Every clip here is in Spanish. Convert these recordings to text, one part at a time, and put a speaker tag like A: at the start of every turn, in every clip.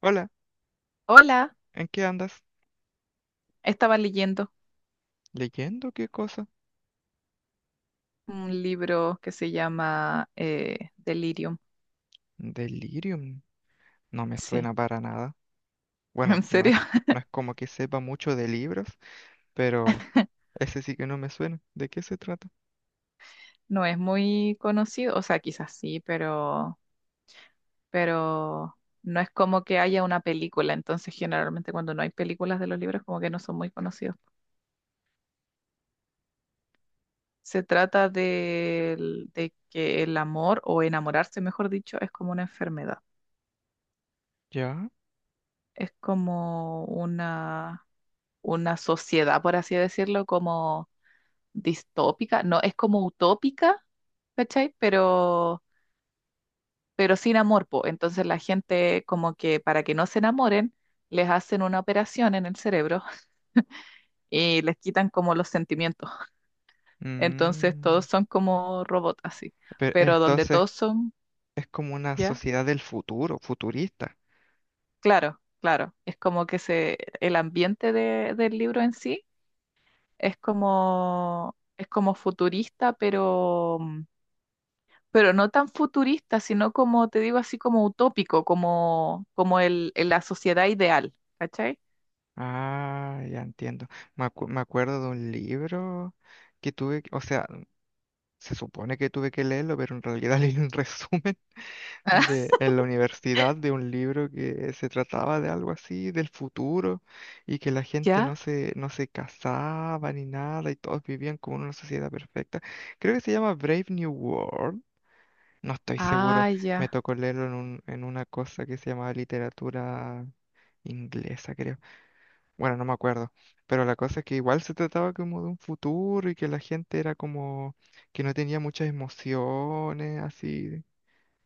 A: Hola,
B: Hola,
A: ¿en qué andas?
B: estaba leyendo
A: ¿Leyendo qué cosa?
B: un libro que se llama Delirium.
A: Delirium. No me
B: Sí,
A: suena para nada. Bueno,
B: en
A: no es,
B: serio,
A: no es como que sepa mucho de libros, pero ese sí que no me suena. ¿De qué se trata?
B: no es muy conocido, o sea, quizás sí, pero no es como que haya una película, entonces generalmente cuando no hay películas de los libros como que no son muy conocidos. Se trata de que el amor o enamorarse, mejor dicho, es como una enfermedad,
A: ¿Ya?
B: es como una sociedad, por así decirlo, como distópica, no, es como utópica, ¿cachai? Pero sin amor, po. Entonces la gente como que para que no se enamoren, les hacen una operación en el cerebro y les quitan como los sentimientos. Entonces
A: Mm.
B: todos son como robots así,
A: Pero
B: pero donde
A: entonces
B: todos son,
A: es como una
B: ¿ya?
A: sociedad del futuro, futurista.
B: Claro, claro, es como que el ambiente del libro en sí es como futurista, pero no tan futurista, sino como te digo, así como utópico, como la sociedad ideal, ¿cachai?
A: Ah, ya entiendo. Me acuerdo de un libro que tuve, o sea, se supone que tuve que leerlo, pero en realidad leí un resumen de, en la universidad de un libro que se trataba de algo así, del futuro, y que la gente no
B: ¿Ya?
A: se, no se casaba ni nada, y todos vivían como en una sociedad perfecta. Creo que se llama Brave New World. No estoy seguro.
B: Ah,
A: Me
B: ya.
A: tocó leerlo en un, en una cosa que se llamaba literatura inglesa, creo. Bueno, no me acuerdo. Pero la cosa es que igual se trataba como de un futuro y que la gente era como que no tenía muchas emociones, así.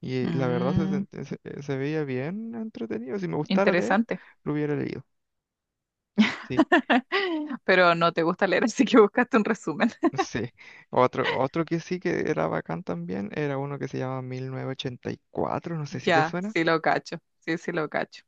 A: Y la verdad se,
B: Mm,
A: sent- se, eh, se veía bien entretenido. Si me gustara leer,
B: interesante.
A: lo hubiera leído. Sí,
B: Pero no te gusta leer, así que buscaste un resumen.
A: sí. Otro que sí que era bacán también era uno que se llama 1984, no sé si te
B: Ya,
A: suena.
B: sí lo cacho, sí, sí lo cacho.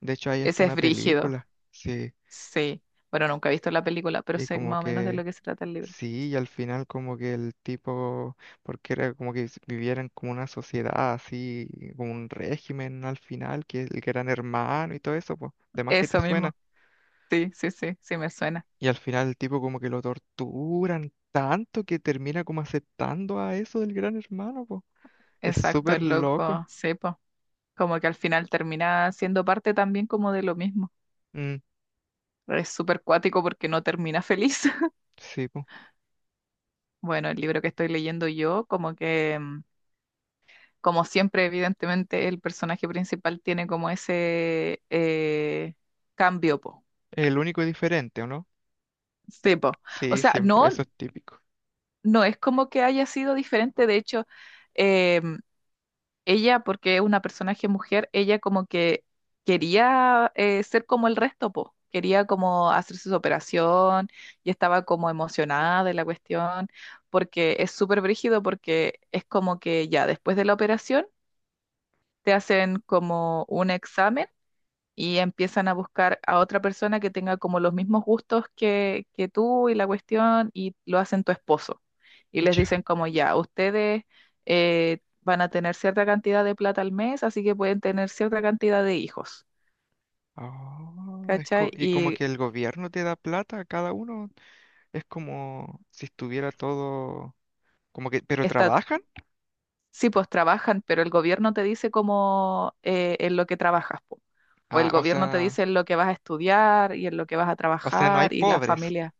A: De hecho, hay hasta
B: Ese es
A: una
B: brígido,
A: película. Sí,
B: sí. Bueno, nunca he visto la película, pero
A: y
B: sé
A: como
B: más o menos de lo
A: que
B: que se trata el libro.
A: sí, y al final como que el tipo, porque era como que vivieran como una sociedad así, como un régimen al final, que eran hermanos y todo eso, pues, de más que te
B: Eso
A: suena.
B: mismo, sí, sí, sí, sí me suena.
A: Y al final el tipo como que lo torturan tanto que termina como aceptando a eso del gran hermano, po. Es
B: Exacto,
A: súper
B: el
A: loco.
B: loco, sí, como que al final termina siendo parte también como de lo mismo.
A: Mm,
B: Es súper cuático porque no termina feliz.
A: sí, po.
B: Bueno, el libro que estoy leyendo yo, como que, como siempre, evidentemente, el personaje principal tiene como ese cambio, po.
A: El único y diferente, ¿o no?
B: Sí, po. O
A: Sí,
B: sea,
A: siempre,
B: no,
A: eso es típico.
B: no es como que haya sido diferente, de hecho, em, ella, porque es una personaje mujer, ella como que quería ser como el resto, po. Quería como hacerse su operación y estaba como emocionada de la cuestión, porque es súper brígido, porque es como que ya después de la operación te hacen como un examen y empiezan a buscar a otra persona que tenga como los mismos gustos que tú y la cuestión y lo hacen tu esposo. Y les
A: Ya.
B: dicen como ya, ustedes van a tener cierta cantidad de plata al mes, así que pueden tener cierta cantidad de hijos,
A: Oh,
B: ¿cachai?
A: y como
B: Y
A: que el gobierno te da plata a cada uno, es como si estuviera todo, como que, pero
B: está,
A: trabajan,
B: sí, pues trabajan, pero el gobierno te dice como en lo que trabajas, po. O el
A: ah, o
B: gobierno te dice
A: sea,
B: en lo que vas a estudiar y en lo que vas a
A: no hay
B: trabajar y la
A: pobres,
B: familia.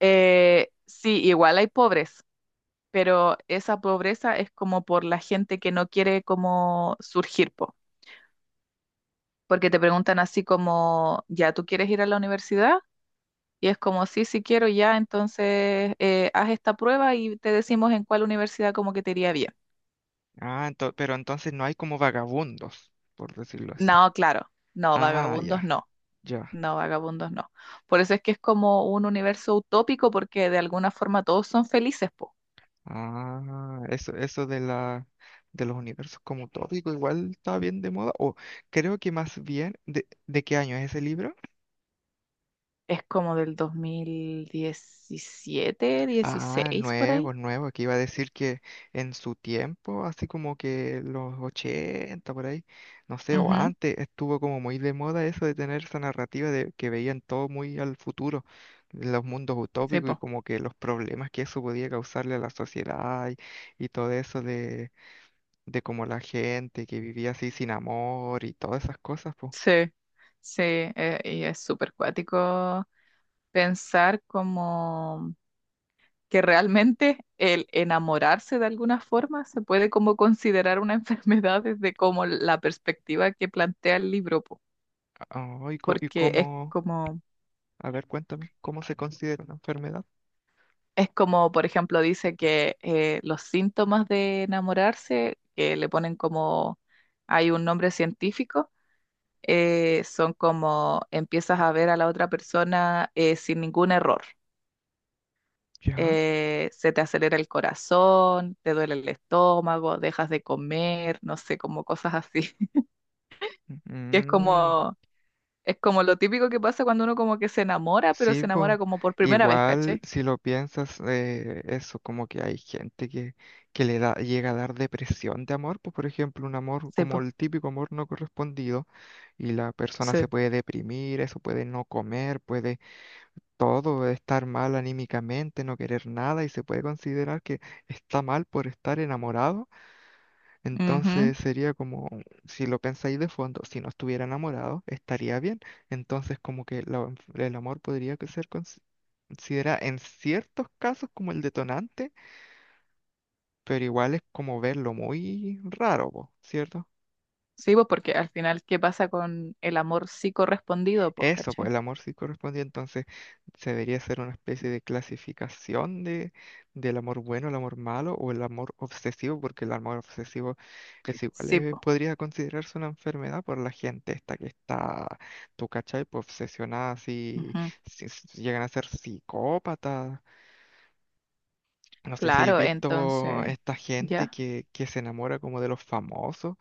B: Sí, igual hay pobres, pero esa pobreza es como por la gente que no quiere como surgir, po. Porque te preguntan así como, ya, ¿tú quieres ir a la universidad? Y es como, sí, sí quiero, ya, entonces haz esta prueba y te decimos en cuál universidad como que te iría bien.
A: ah, pero entonces no hay como vagabundos, por decirlo así.
B: No, claro, no,
A: Ah,
B: vagabundos
A: ya,
B: no,
A: ya.
B: no, vagabundos no. Por eso es que es como un universo utópico porque de alguna forma todos son felices, po.
A: Ah, eso de los universos como tópico igual está bien de moda. O creo que más bien, ¿de qué año es ese libro?
B: Es como del 2017
A: Ah,
B: 16 por
A: nuevo,
B: ahí.
A: nuevo, que iba a decir que en su tiempo, así como que los 80 por ahí, no sé, o
B: Ujú,
A: antes, estuvo como muy de moda eso de tener esa narrativa de que veían todo muy al futuro, los mundos
B: sí,
A: utópicos y
B: po.
A: como que los problemas que eso podía causarle a la sociedad y todo eso de cómo la gente que vivía así sin amor y todas esas cosas, pues.
B: Sí, sí, y es súper cuático pensar como que realmente el enamorarse de alguna forma se puede como considerar una enfermedad desde como la perspectiva que plantea el libro, po,
A: Ah, y
B: porque es
A: cómo,
B: como,
A: a ver, cuéntame, ¿cómo se considera una enfermedad?
B: es como, por ejemplo, dice que los síntomas de enamorarse, que le ponen como, hay un nombre científico, son como empiezas a ver a la otra persona sin ningún error
A: ¿Ya?
B: se te acelera el corazón, te duele el estómago, dejas de comer, no sé, como cosas así. Que es
A: Mm,
B: como lo típico que pasa cuando uno como que se enamora, pero
A: sí,
B: se
A: pues,
B: enamora como por primera vez,
A: igual
B: ¿caché?
A: si lo piensas, eso como que hay gente que le da, llega a dar depresión de amor, pues por ejemplo, un amor
B: Sí,
A: como
B: pues,
A: el típico amor no correspondido y la persona se
B: sí.
A: puede deprimir, eso puede no comer, puede todo, estar mal anímicamente, no querer nada y se puede considerar que está mal por estar enamorado.
B: Ujú.
A: Entonces sería como, si lo pensáis de fondo, si no estuviera enamorado, estaría bien. Entonces como que la- el amor podría que ser considerado en ciertos casos como el detonante, pero igual es como verlo muy raro, po, ¿cierto?
B: Sí, pues porque al final, ¿qué pasa con el amor sí correspondido? Pues,
A: Eso, pues
B: ¿cachai?
A: el amor sí corresponde entonces se debería hacer una especie de clasificación de, del amor bueno, el amor malo o el amor obsesivo, porque el amor obsesivo es igual,
B: Sí, pues.
A: podría considerarse una enfermedad por la gente esta que está, tú cachai, pues obsesionada, así,
B: Ujú.
A: si, si llegan a ser psicópatas. No sé si habéis
B: Claro,
A: visto
B: entonces,
A: esta gente
B: ya.
A: que se enamora como de los famosos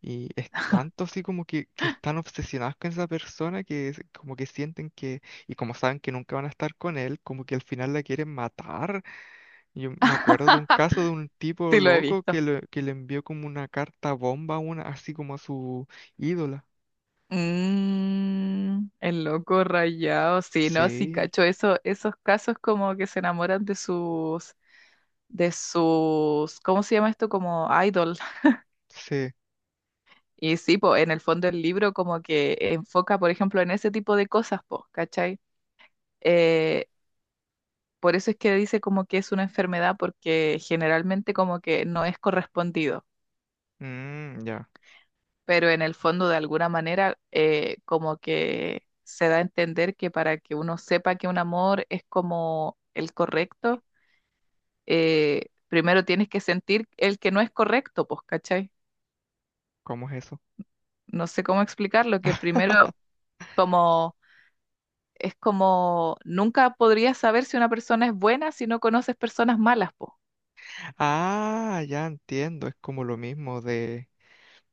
A: y es tanto así como que están obsesionados con esa persona que es como que sienten que, y como saben que nunca van a estar con él, como que al final la quieren matar. Yo me acuerdo de un caso de un tipo
B: Sí lo he
A: loco
B: visto.
A: que le envió como una carta bomba, a una, así como a su ídola.
B: Mm, el loco rayado, sí, no, sí,
A: Sí,
B: cacho, eso, esos casos como que se enamoran ¿cómo se llama esto? Como idol.
A: sí.
B: Y sí, po, en el fondo el libro como que enfoca, por ejemplo, en ese tipo de cosas, po, ¿cachai? Eh, por eso es que dice como que es una enfermedad, porque generalmente como que no es correspondido.
A: Mm, ya,
B: Pero en el fondo de alguna manera como que se da a entender que para que uno sepa que un amor es como el correcto, primero tienes que sentir el que no es correcto, pues, ¿cachai?
A: ¿cómo es eso?
B: No sé cómo explicarlo, que primero como es como nunca podrías saber si una persona es buena si no conoces personas malas, pues.
A: Ah, ya entiendo, es como lo mismo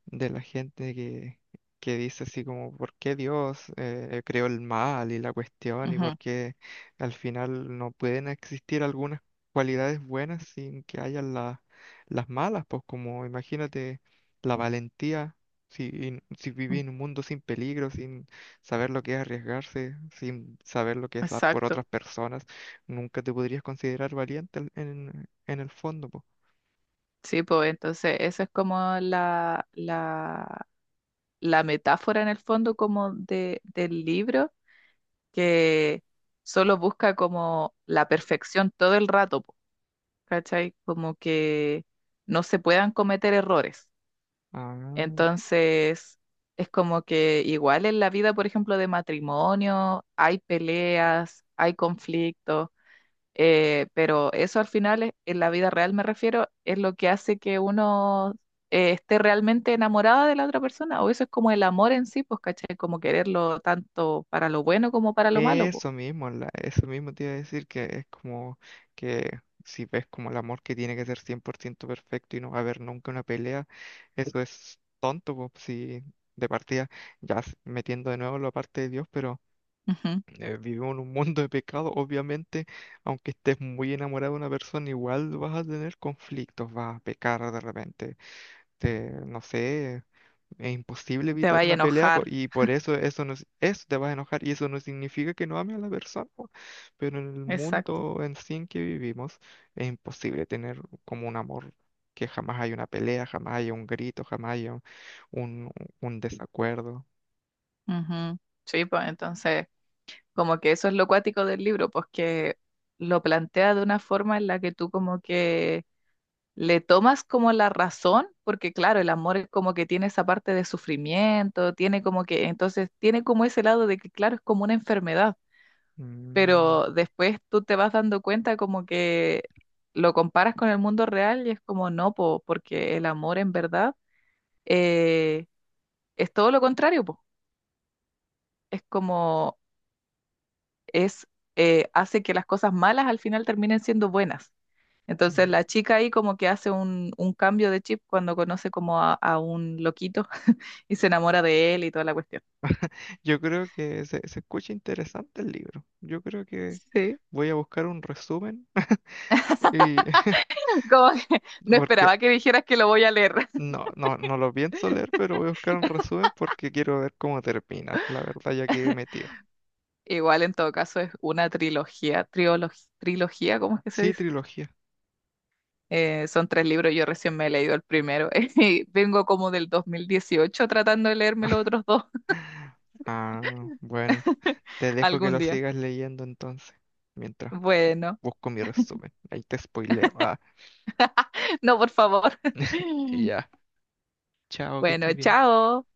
A: de la gente que dice así como, ¿por qué Dios creó el mal y la cuestión? ¿Y
B: Ujú,
A: por qué al final no pueden existir algunas cualidades buenas sin que haya la- las malas? Pues como imagínate la valentía, si, si viví
B: ujú,
A: en un mundo sin peligro, sin saber lo que es arriesgarse, sin saber lo que es dar por
B: exacto.
A: otras personas, nunca te podrías considerar valiente en el fondo, pues.
B: Sí, pues entonces eso es como la metáfora en el fondo como del libro que solo busca como la perfección todo el rato, po, ¿cachai? Como que no se puedan cometer errores. Entonces, es como que igual en la vida, por ejemplo, de matrimonio, hay peleas, hay conflictos, pero eso al final, en la vida real me refiero, es lo que hace que uno esté realmente enamorada de la otra persona, o eso es como el amor en sí, pues, ¿cachai? Como quererlo tanto para lo bueno como para lo malo,
A: Eso mismo, la- eso mismo te iba a decir que es como que si ves como el amor que tiene que ser 100% perfecto y no va a haber nunca una pelea, eso es tonto, po, si de partida, ya s- metiendo de nuevo la parte de Dios, pero
B: pues.
A: vivimos en un mundo de pecado, obviamente, aunque estés muy enamorado de una persona, igual vas a tener conflictos, vas a pecar de repente, te- no sé, es imposible
B: Te
A: evitar
B: vaya a
A: una pelea po,
B: enojar.
A: y por eso eso no, eso te vas a enojar y eso no significa que no ame a la persona, po. Pero en el
B: Exacto.
A: mundo en sí en que vivimos es imposible tener como un amor que jamás hay una pelea, jamás hay un grito, jamás hay un, un- un desacuerdo.
B: Ujú. Sí, pues entonces, como que eso es lo cuático del libro, pues que lo plantea de una forma en la que tú como que le tomas como la razón, porque claro, el amor es como que tiene esa parte de sufrimiento, tiene como que, entonces tiene como ese lado de que claro, es como una enfermedad,
A: Mm,
B: pero después tú te vas dando cuenta como que lo comparas con el mundo real y es como no, po, porque el amor en verdad eh, es todo lo contrario, po, es como es hace que las cosas malas al final terminen siendo buenas.
A: mm.
B: Entonces la chica ahí como que hace un cambio de chip cuando conoce como a un loquito y se enamora de él y toda la cuestión.
A: Yo creo que se escucha interesante el libro. Yo creo que
B: Sí,
A: voy a buscar un resumen y
B: como que no
A: porque
B: esperaba que dijeras que lo voy a leer.
A: no, no, no lo pienso leer, pero voy a buscar un resumen porque quiero ver cómo termina. La verdad, ya quedé metido.
B: Igual en todo caso es una trilogía, ¿cómo es que se
A: Sí,
B: dice?
A: trilogía.
B: Son tres libros, yo recién me he leído el primero y vengo como del 2018 tratando de leerme los otros dos
A: Ah, bueno, te dejo que
B: algún
A: lo
B: día.
A: sigas leyendo entonces, mientras
B: Bueno.
A: busco mi resumen. Ahí te spoileo. Ah,
B: No, por favor.
A: ya. Chao, que estés
B: Bueno,
A: bien.
B: chao.